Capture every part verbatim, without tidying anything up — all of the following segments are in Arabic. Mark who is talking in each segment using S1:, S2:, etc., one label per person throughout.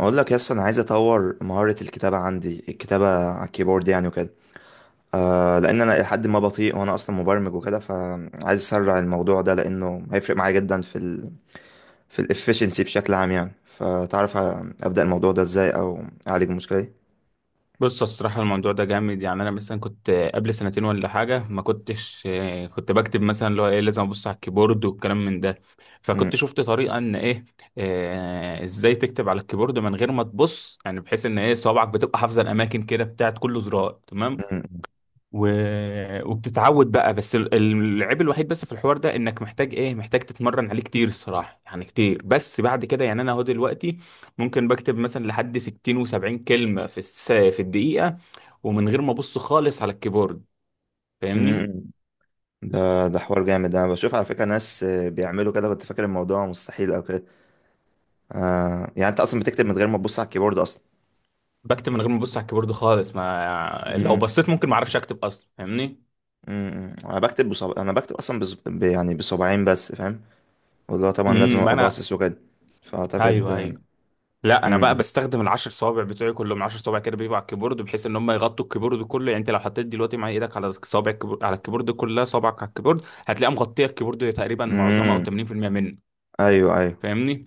S1: اقول لك يس، انا عايز اطور مهارة الكتابة عندي، الكتابة على الكيبورد يعني وكده. آه لان انا لحد ما بطيء، وانا اصلا مبرمج وكده، فعايز اسرع الموضوع ده لانه هيفرق معايا جدا في ال في الافشنسي بشكل عام يعني. فتعرف ابدا الموضوع ده ازاي او اعالج المشكلة دي؟
S2: بص، الصراحة الموضوع ده جامد. يعني أنا مثلا كنت قبل سنتين ولا حاجة ما كنتش آه، كنت بكتب مثلا اللي هو إيه لازم أبص على الكيبورد والكلام من ده. فكنت
S1: مم،
S2: شفت طريقة إن إيه آه، إزاي تكتب على الكيبورد من غير ما تبص، يعني بحيث إن إيه صوابعك بتبقى حافظة الأماكن كده بتاعت كل زرار. تمام
S1: مم،
S2: و... وبتتعود بقى. بس ال- العيب الوحيد بس في الحوار ده إنك محتاج إيه محتاج تتمرن عليه كتير الصراحة، يعني كتير. بس بعد كده يعني أنا أهو دلوقتي ممكن بكتب مثلا لحد ستين و70 كلمة في الس... في الدقيقة، ومن غير ما ابص خالص على الكيبورد. فاهمني؟
S1: مم. ده ده حوار جامد، انا بشوف على فكرة ناس آه، بيعملوا كده. كنت فاكر الموضوع مستحيل او كده. آه يعني انت اصلا بتكتب من غير ما تبص على الكيبورد اصلا؟
S2: بكتب من غير ما ابص على الكيبورد خالص، ما لو
S1: مم.
S2: بصيت ممكن ما اعرفش اكتب اصلا. فاهمني؟
S1: امم، انا بكتب بصب... انا بكتب اصلا بص... ب... يعني بصباعين بس فاهم، واللي هو طبعا لازم
S2: امم ما
S1: ابقى
S2: انا.
S1: باصص وكده. فاعتقد.
S2: ايوه ايوه. لا انا بقى
S1: امم،
S2: بستخدم العشر صوابع بتوعي كلهم. عشر صوابع كده بيبقوا على الكيبورد بحيث ان هم يغطوا الكيبورد كله. يعني انت لو حطيت دلوقتي مع ايدك على صابع الكيبورد على الكيبورد كلها، صابعك على الكيبورد هتلاقيها مغطيه الكيبورد تقريبا معظمها او
S1: امم،
S2: ثمانين في المئة منه.
S1: ايوه ايوه،
S2: فاهمني؟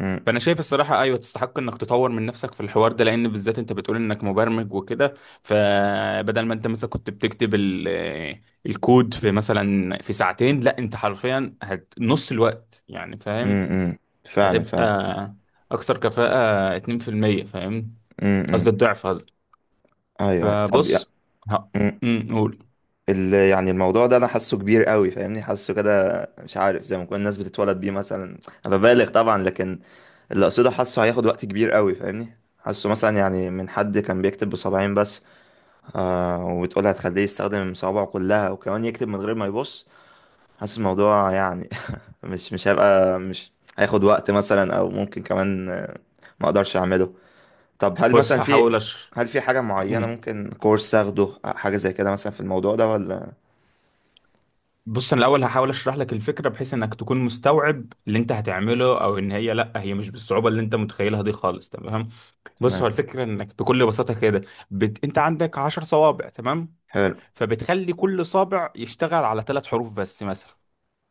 S1: امم،
S2: فانا شايف الصراحه ايوه تستحق انك تطور من نفسك في الحوار ده، لان بالذات انت بتقول انك مبرمج وكده. فبدل ما انت مثلا كنت بتكتب ال- آه، الكود في مثلا في ساعتين، لا انت حرفيا هت نص الوقت. يعني فاهم؟
S1: امم، امم. فعلا فعلا.
S2: هتبقى اكثر كفاءه اثنين في المئة. فاهم؟
S1: امم، امم.
S2: قصدي الضعف قصدي.
S1: ايوه أيوة. طب يا-
S2: فبص ه...
S1: مم.
S2: أمم، قول.
S1: ال... يعني الموضوع ده انا حاسه كبير قوي، فاهمني حاسه كده. مش عارف، زي ما كل الناس بتتولد بيه مثلا. انا ببالغ طبعا، لكن اللي اقصده حاسه هياخد وقت كبير قوي فاهمني. حاسه مثلا يعني من حد كان بيكتب بصباعين بس، آه وتقول هتخليه يستخدم صوابعه كلها وكمان يكتب من غير ما يبص، حاسس الموضوع يعني مش مش هيبقى، مش هياخد وقت مثلا، او ممكن كمان آه، ما اقدرش اعمله. طب هل
S2: بص
S1: مثلا في،
S2: هحاول أش...
S1: هل في حاجة معينة، ممكن كورس اخده حاجة زي كده مثلا في الموضوع ده ولا؟
S2: بص انا الاول هحاول اشرح لك الفكره بحيث انك تكون مستوعب اللي انت هتعمله، او ان هي لا هي مش بالصعوبه اللي انت متخيلها دي خالص. تمام؟ بص هو
S1: تمام.
S2: الفكره انك بكل بساطه كده بت... انت عندك عشر صوابع. تمام؟
S1: حلو.
S2: فبتخلي كل صابع يشتغل على ثلاث حروف بس مثلا.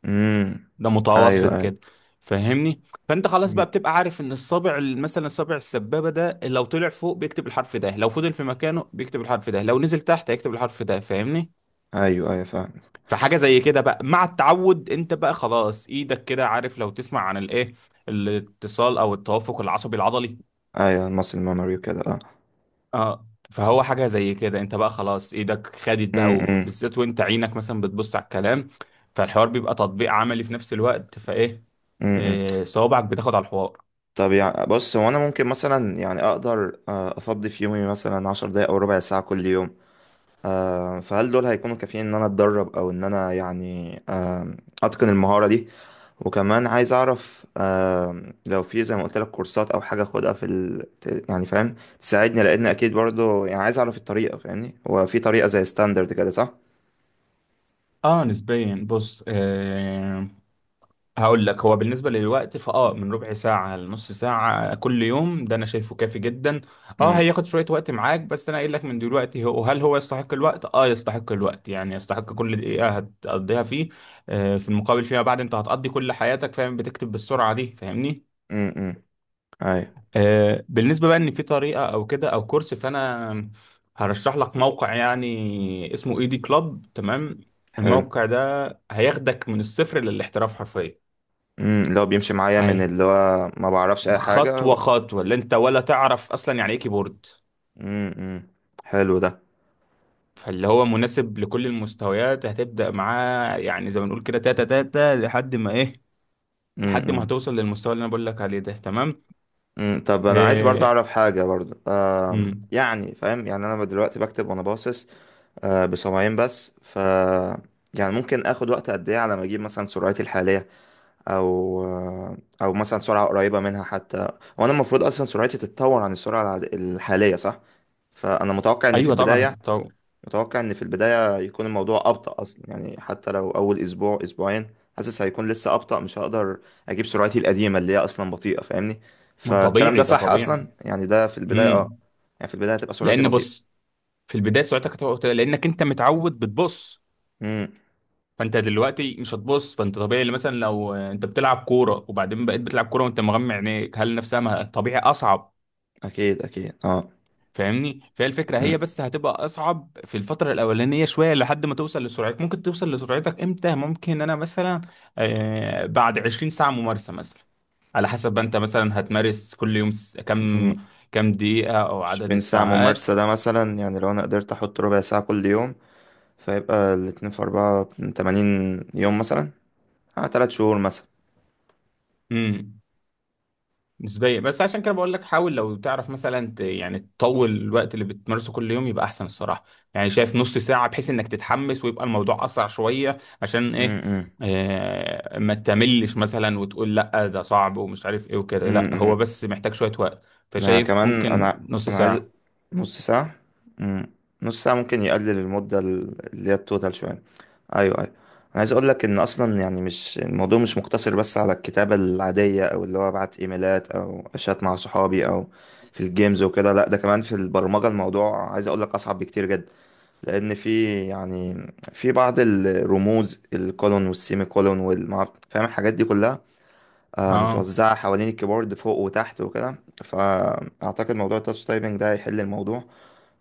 S1: امم،
S2: ده
S1: ايوه
S2: متوسط
S1: ايوه.
S2: كده. فاهمني؟ فانت خلاص بقى
S1: مم.
S2: بتبقى عارف ان الصابع مثلا الصابع السبابه ده لو طلع فوق بيكتب الحرف ده، لو فضل في مكانه بيكتب الحرف ده، لو نزل تحت هيكتب الحرف ده. فاهمني؟
S1: ايوه ايوه فاهم.
S2: فحاجة زي كده بقى مع التعود، انت بقى خلاص ايدك كده عارف. لو تسمع عن الايه الاتصال او التوافق العصبي العضلي.
S1: ايوه المصل ميموري وكده اه.
S2: اه فهو حاجة زي كده. انت بقى خلاص ايدك خدت بقى، وبالذات وانت عينك مثلا بتبص على الكلام. فالحوار بيبقى تطبيق عملي في نفس الوقت. فايه
S1: امم.
S2: آه، صوابعك بتاخد على الحوار.
S1: طب يعني بص، هو انا ممكن مثلا يعني اقدر آه، افضي في يومي مثلا عشر دقايق او ربع ساعة كل يوم. آه، فهل دول هيكونوا كافيين ان انا اتدرب، او ان انا يعني آم، اتقن المهارة دي؟ وكمان عايز اعرف آم، لو في زي ما قلت لك كورسات او حاجة اخدها في ال... ت- يعني فاهم، تساعدني. لان اكيد برضو يعني عايز اعرف الطريقة فاهمني. هو في طريقة زي ستاندرد كده صح؟
S2: اه نسبيا. بص آه هقول لك. هو بالنسبة للوقت فاه من ربع ساعة لنص ساعة كل يوم، ده انا شايفه كافي جدا. اه
S1: امم،
S2: هياخد شوية وقت معاك، بس انا قايل لك من دلوقتي. هو هل هو يستحق الوقت؟ اه يستحق الوقت. يعني يستحق كل دقيقة هتقضيها فيه. آه في المقابل فيما بعد انت هتقضي كل حياتك فاهم بتكتب بالسرعة دي. فاهمني؟
S1: امم، ايوه.
S2: آه بالنسبة بقى ان في طريقة او كده او كورس، فانا هرشح لك موقع يعني اسمه ايدي كلاب. تمام؟
S1: حلو.
S2: الموقع ده هياخدك من الصفر للاحتراف حرفيا.
S1: امم، اللي هو بيمشي معايا من
S2: هي
S1: اللي هو ما بعرفش اي حاجة.
S2: خطوة خطوة، اللي انت ولا تعرف اصلا يعني ايه كيبورد.
S1: امم. حلو ده.
S2: فاللي هو مناسب لكل المستويات. هتبدأ معاه يعني زي ما نقول كده تاتا تاتا لحد ما ايه لحد ما
S1: امم،
S2: هتوصل للمستوى اللي انا بقول لك عليه ده. تمام؟
S1: امم. طب انا عايز برضه
S2: إيه.
S1: اعرف حاجه برضه، آم،
S2: مم.
S1: يعني فاهم، يعني انا دلوقتي بكتب وانا باصص، آه، بسمعين بس ف، يعني ممكن اخد وقت قد ايه على ما اجيب مثلا سرعتي الحاليه، او آه، او مثلا سرعه قريبه منها حتى. وانا المفروض اصلا سرعتي تتطور عن السرعه العاد- الحاليه صح؟ فانا متوقع ان في
S2: ايوه طبعا
S1: البدايه،
S2: هتتطور.
S1: متوقع ان في البداية يكون الموضوع أبطأ أصلا يعني. حتى لو أول أسبوع أسبوعين، حاسس هيكون لسه أبطأ، مش هقدر أجيب سرعتي القديمة اللي هي أصلا بطيئة فاهمني.
S2: ما
S1: فالكلام ده
S2: طبيعي، ده
S1: صح أصلا
S2: طبيعي.
S1: يعني، ده في البداية أه.
S2: مم.
S1: يعني في البداية هتبقى سرعتي
S2: لان
S1: بطيئة.
S2: بص، في البداية سرعتك هتبقى قليلة لانك انت متعود بتبص.
S1: امم.
S2: فانت دلوقتي مش هتبص. فانت طبيعي، اللي مثلا لو آه، انت بتلعب كورة وبعدين بقيت بتلعب كورة وانت مغمى عينيك، هل نفسها ما- طبيعي اصعب.
S1: أكيد أكيد أه.
S2: فاهمني؟ فهي الفكره
S1: امم،
S2: هي بس هتبقى اصعب في الفتره الاولانيه شويه لحد ما توصل لسرعتك. ممكن توصل لسرعتك امتى؟ ممكن انا مثلا آه بعد عشرين ساعه ممارسه مثلا، على حسب ما انت مثلا هتمارس كل يوم س- كم
S1: أمم.
S2: كم دقيقه او عدد
S1: بين ساعة
S2: الساعات.
S1: ممارسة ده مثلا يعني، لو أنا قدرت أحط ربع ساعة كل يوم، فيبقى الاتنين في أربعة من تمانين يوم مثلا. أه تلات شهور مثلا.
S2: مم. نسبيا. بس عشان كده بقول لك حاول لو تعرف مثلا ت- يعني تطول الوقت اللي بتمارسه كل يوم يبقى احسن الصراحه. يعني شايف نص ساعه بحيث انك تتحمس ويبقى الموضوع اسرع شويه. عشان ايه
S1: امم،
S2: آه ما تملش مثلا وتقول لا ده صعب ومش عارف ايه وكده. لا
S1: امم.
S2: هو بس محتاج شويه وقت.
S1: انا
S2: فشايف
S1: كمان
S2: ممكن
S1: انا
S2: نص
S1: انا عايز
S2: ساعه.
S1: نص ساعة. مم. نص ساعة ممكن يقلل المدة ال- اللي هي التوتال شوية. ايوه ايوه، انا عايز اقول لك ان اصلا يعني، مش الموضوع مش مقتصر بس على الكتابة العادية، او اللي هو ابعت ايميلات او اشات مع صحابي، او في الجيمز وكده. لا، ده كمان في البرمجة الموضوع عايز اقول لك اصعب بكتير جدا. لان في يعني، في بعض الرموز، الكولون والسيمي كولون والمعرفة، فاهم الحاجات دي كلها آه،
S2: اه
S1: متوزعة حوالين الكيبورد فوق وتحت وكده. فأعتقد موضوع التاتش تايبنج ده هيحل الموضوع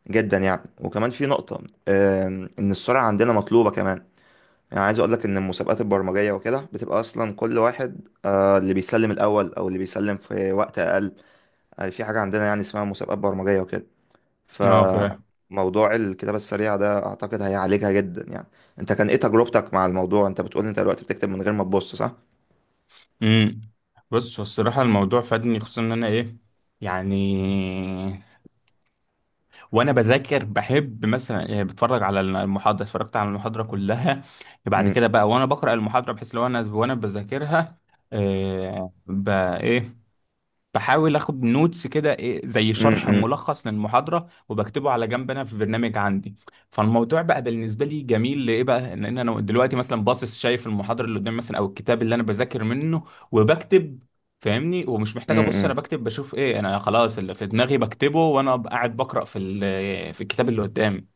S1: جدا يعني. وكمان في نقطة، آم، إن السرعة عندنا مطلوبة كمان. يعني عايز أقولك إن المسابقات البرمجية وكده بتبقى أصلا كل واحد آه، اللي بيسلم الأول أو اللي بيسلم في وقت أقل، آه، في حاجة عندنا يعني اسمها مسابقات برمجية وكده.
S2: اه فاهم.
S1: فموضوع الكتابة السريعة ده أعتقد هيعالجها جدا يعني. أنت كان إيه تجربتك مع الموضوع؟ أنت بتقول أنت دلوقتي بتكتب من غير ما تبص صح؟
S2: امم بص. هو الصراحه الموضوع فادني، خصوصا ان انا ايه يعني وانا بذاكر بحب مثلا. يعني بتفرج على المحاضره، اتفرجت على المحاضره كلها، بعد
S1: م-
S2: كده بقى وانا بقرا المحاضره بحيث لو انا وانا بذاكرها آه، بقى ايه بحاول اخد نوتس كده، ايه زي
S1: م-
S2: شرح
S1: م-
S2: ملخص للمحاضره وبكتبه على جنب انا في برنامج عندي. فالموضوع بقى بالنسبه لي جميل لايه بقى؟ لان انا دلوقتي مثلا باصص شايف المحاضره اللي قدامي مثلا او الكتاب اللي انا بذاكر منه وبكتب. فاهمني؟ ومش
S1: م-
S2: محتاج ابص. انا
S1: م.
S2: بكتب بشوف ايه، انا خلاص اللي في دماغي بكتبه وانا قاعد بقرا في ال- في الكتاب اللي قدامي.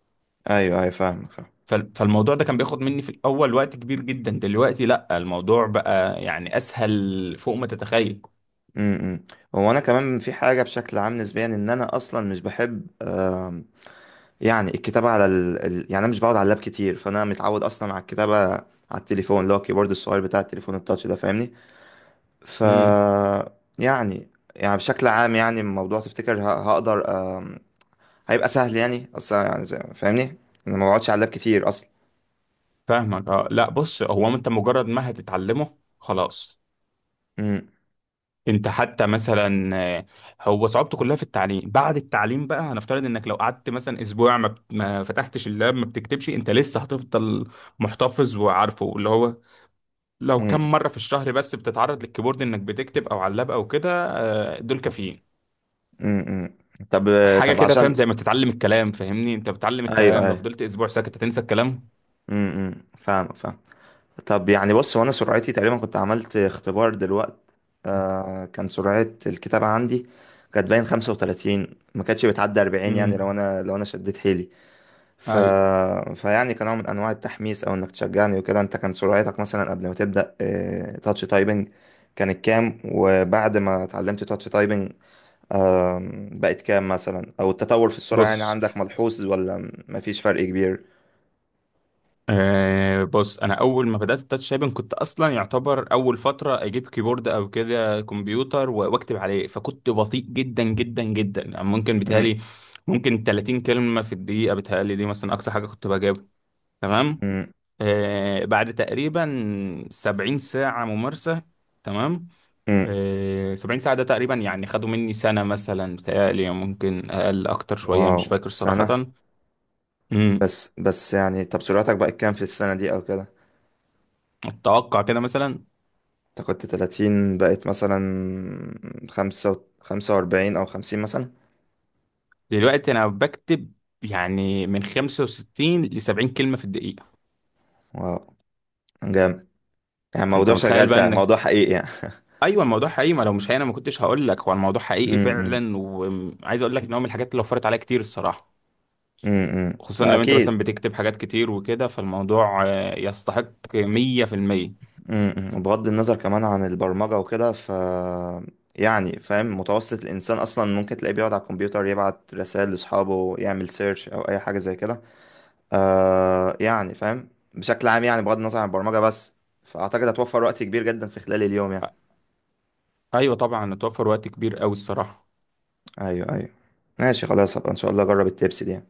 S1: ايوه ايوه فاهمك فاهم.
S2: فال- فالموضوع ده كان بياخد مني في الاول وقت كبير جدا. دلوقتي لا، الموضوع بقى يعني اسهل فوق ما تتخيل.
S1: امم، إمم. هو انا كمان في حاجه بشكل عام نسبيا، ان انا اصلا مش بحب أم، يعني الكتابه على ال... ال... يعني انا مش بقعد على اللاب كتير، فانا متعود اصلا على الكتابه على التليفون اللي هو الكيبورد الصغير بتاع التليفون التاتش ده فاهمني. ف
S2: امم
S1: يعني يعني بشكل عام يعني، الموضوع تفتكر ه... هقدر، أم، هيبقى سهل يعني اصلا يعني زي... فاهمني، انا ما بقعدش على اللاب كتير اصلا.
S2: فاهمك. اه لا بص، هو انت مجرد ما هتتعلمه خلاص.
S1: امم،
S2: انت حتى مثلا آه، هو صعوبته كلها في التعليم. بعد التعليم بقى هنفترض انك لو قعدت مثلا اسبوع ما, بت- ما فتحتش اللاب ما بتكتبش، انت لسه هتفضل محتفظ وعارفه. اللي هو لو
S1: امم،
S2: كم مرة في الشهر بس بتتعرض للكيبورد انك بتكتب او على اللاب او كده آه، دول كافيين.
S1: امم، إمم. طب،
S2: حاجة
S1: طب
S2: كده فاهم؟
S1: عشان،
S2: زي ما بتتعلم الكلام. فاهمني؟ انت بتتعلم
S1: ايوه
S2: الكلام، لو
S1: ايوه،
S2: فضلت اسبوع ساكت هتنسى الكلام.
S1: امم، إمم. فاهمك فاهم. طب يعني بص، وانا سرعتي تقريبا كنت عملت اختبار دلوقت آه، كان سرعة الكتابة عندي كانت باين خمسة وثلاثين، ما كانتش بتعدي أربعين يعني لو
S2: امم
S1: انا، لو انا شديت حيلي ف...
S2: ايوه.
S1: فيعني كان نوع من انواع التحميس او انك تشجعني وكده. انت كان سرعتك مثلا قبل ما تبدأ آه تاتش تايبنج كانت كام، وبعد ما اتعلمت تاتش تايبنج، آم، بقت كام مثلا؟ او التطور في السرعة يعني
S2: بص
S1: عندك ملحوظ، ولا مفيش فرق كبير؟
S2: أه. بص انا اول ما بدات التاتش تايبنج كنت اصلا يعتبر اول فتره اجيب كيبورد او كده كمبيوتر و- واكتب عليه. فكنت بطيء جدا جدا جدا. يعني ممكن
S1: مم،
S2: بيتهيألي ممكن تلاتين كلمه في الدقيقه بيتهيألي دي، مثلا اقصى حاجه كنت بجيبها. تمام؟
S1: مم،
S2: أه بعد تقريبا سبعين ساعه ممارسه. تمام؟
S1: مم.
S2: أه سبعين ساعه ده تقريبا يعني خدوا مني سنه مثلا بيتهيألي، ممكن اقل اكتر شويه
S1: واو
S2: مش فاكر صراحه.
S1: سنة.
S2: امم
S1: بس بس يعني، طب سرعتك بقت كام في السنة دي أو كده؟
S2: اتوقع كده مثلا.
S1: انت كنت تلاتين، بقت مثلا خمسة و- خمسة وأربعين أو خمسين مثلا.
S2: دلوقتي انا بكتب يعني من خمسه وستين ل سبعين كلمه في الدقيقه.
S1: واو، جامد. يعني
S2: فانت
S1: موضوع
S2: متخيل
S1: شغال
S2: بقى
S1: فعلا،
S2: انك
S1: موضوع حقيقي يعني.
S2: ايوه الموضوع حقيقي. ما لو مش حقيقي انا ما كنتش هقول لك. هو الموضوع حقيقي
S1: امم،
S2: فعلا، وعايز اقول لك ان هو من الحاجات اللي وفرت عليا كتير الصراحه.
S1: امم.
S2: خصوصا لو انت
S1: اكيد.
S2: مثلا بتكتب حاجات كتير وكده، فالموضوع آه، يستحق مئة في المئة.
S1: امم. بغض النظر كمان عن البرمجة وكده، ف يعني فاهم، متوسط الانسان اصلا ممكن تلاقيه بيقعد على الكمبيوتر يبعت رسائل لاصحابه، يعمل سيرش او اي حاجة زي كده آه، يعني فاهم، بشكل عام يعني، بغض النظر عن البرمجة بس، فأعتقد هتوفر وقت كبير جدا في خلال اليوم يعني.
S2: ايوه طبعا اتوفر وقت كبير قوي الصراحه.
S1: أيوه أيوه. ماشي، خلاص هبقى إن شاء الله أجرب التبس دي.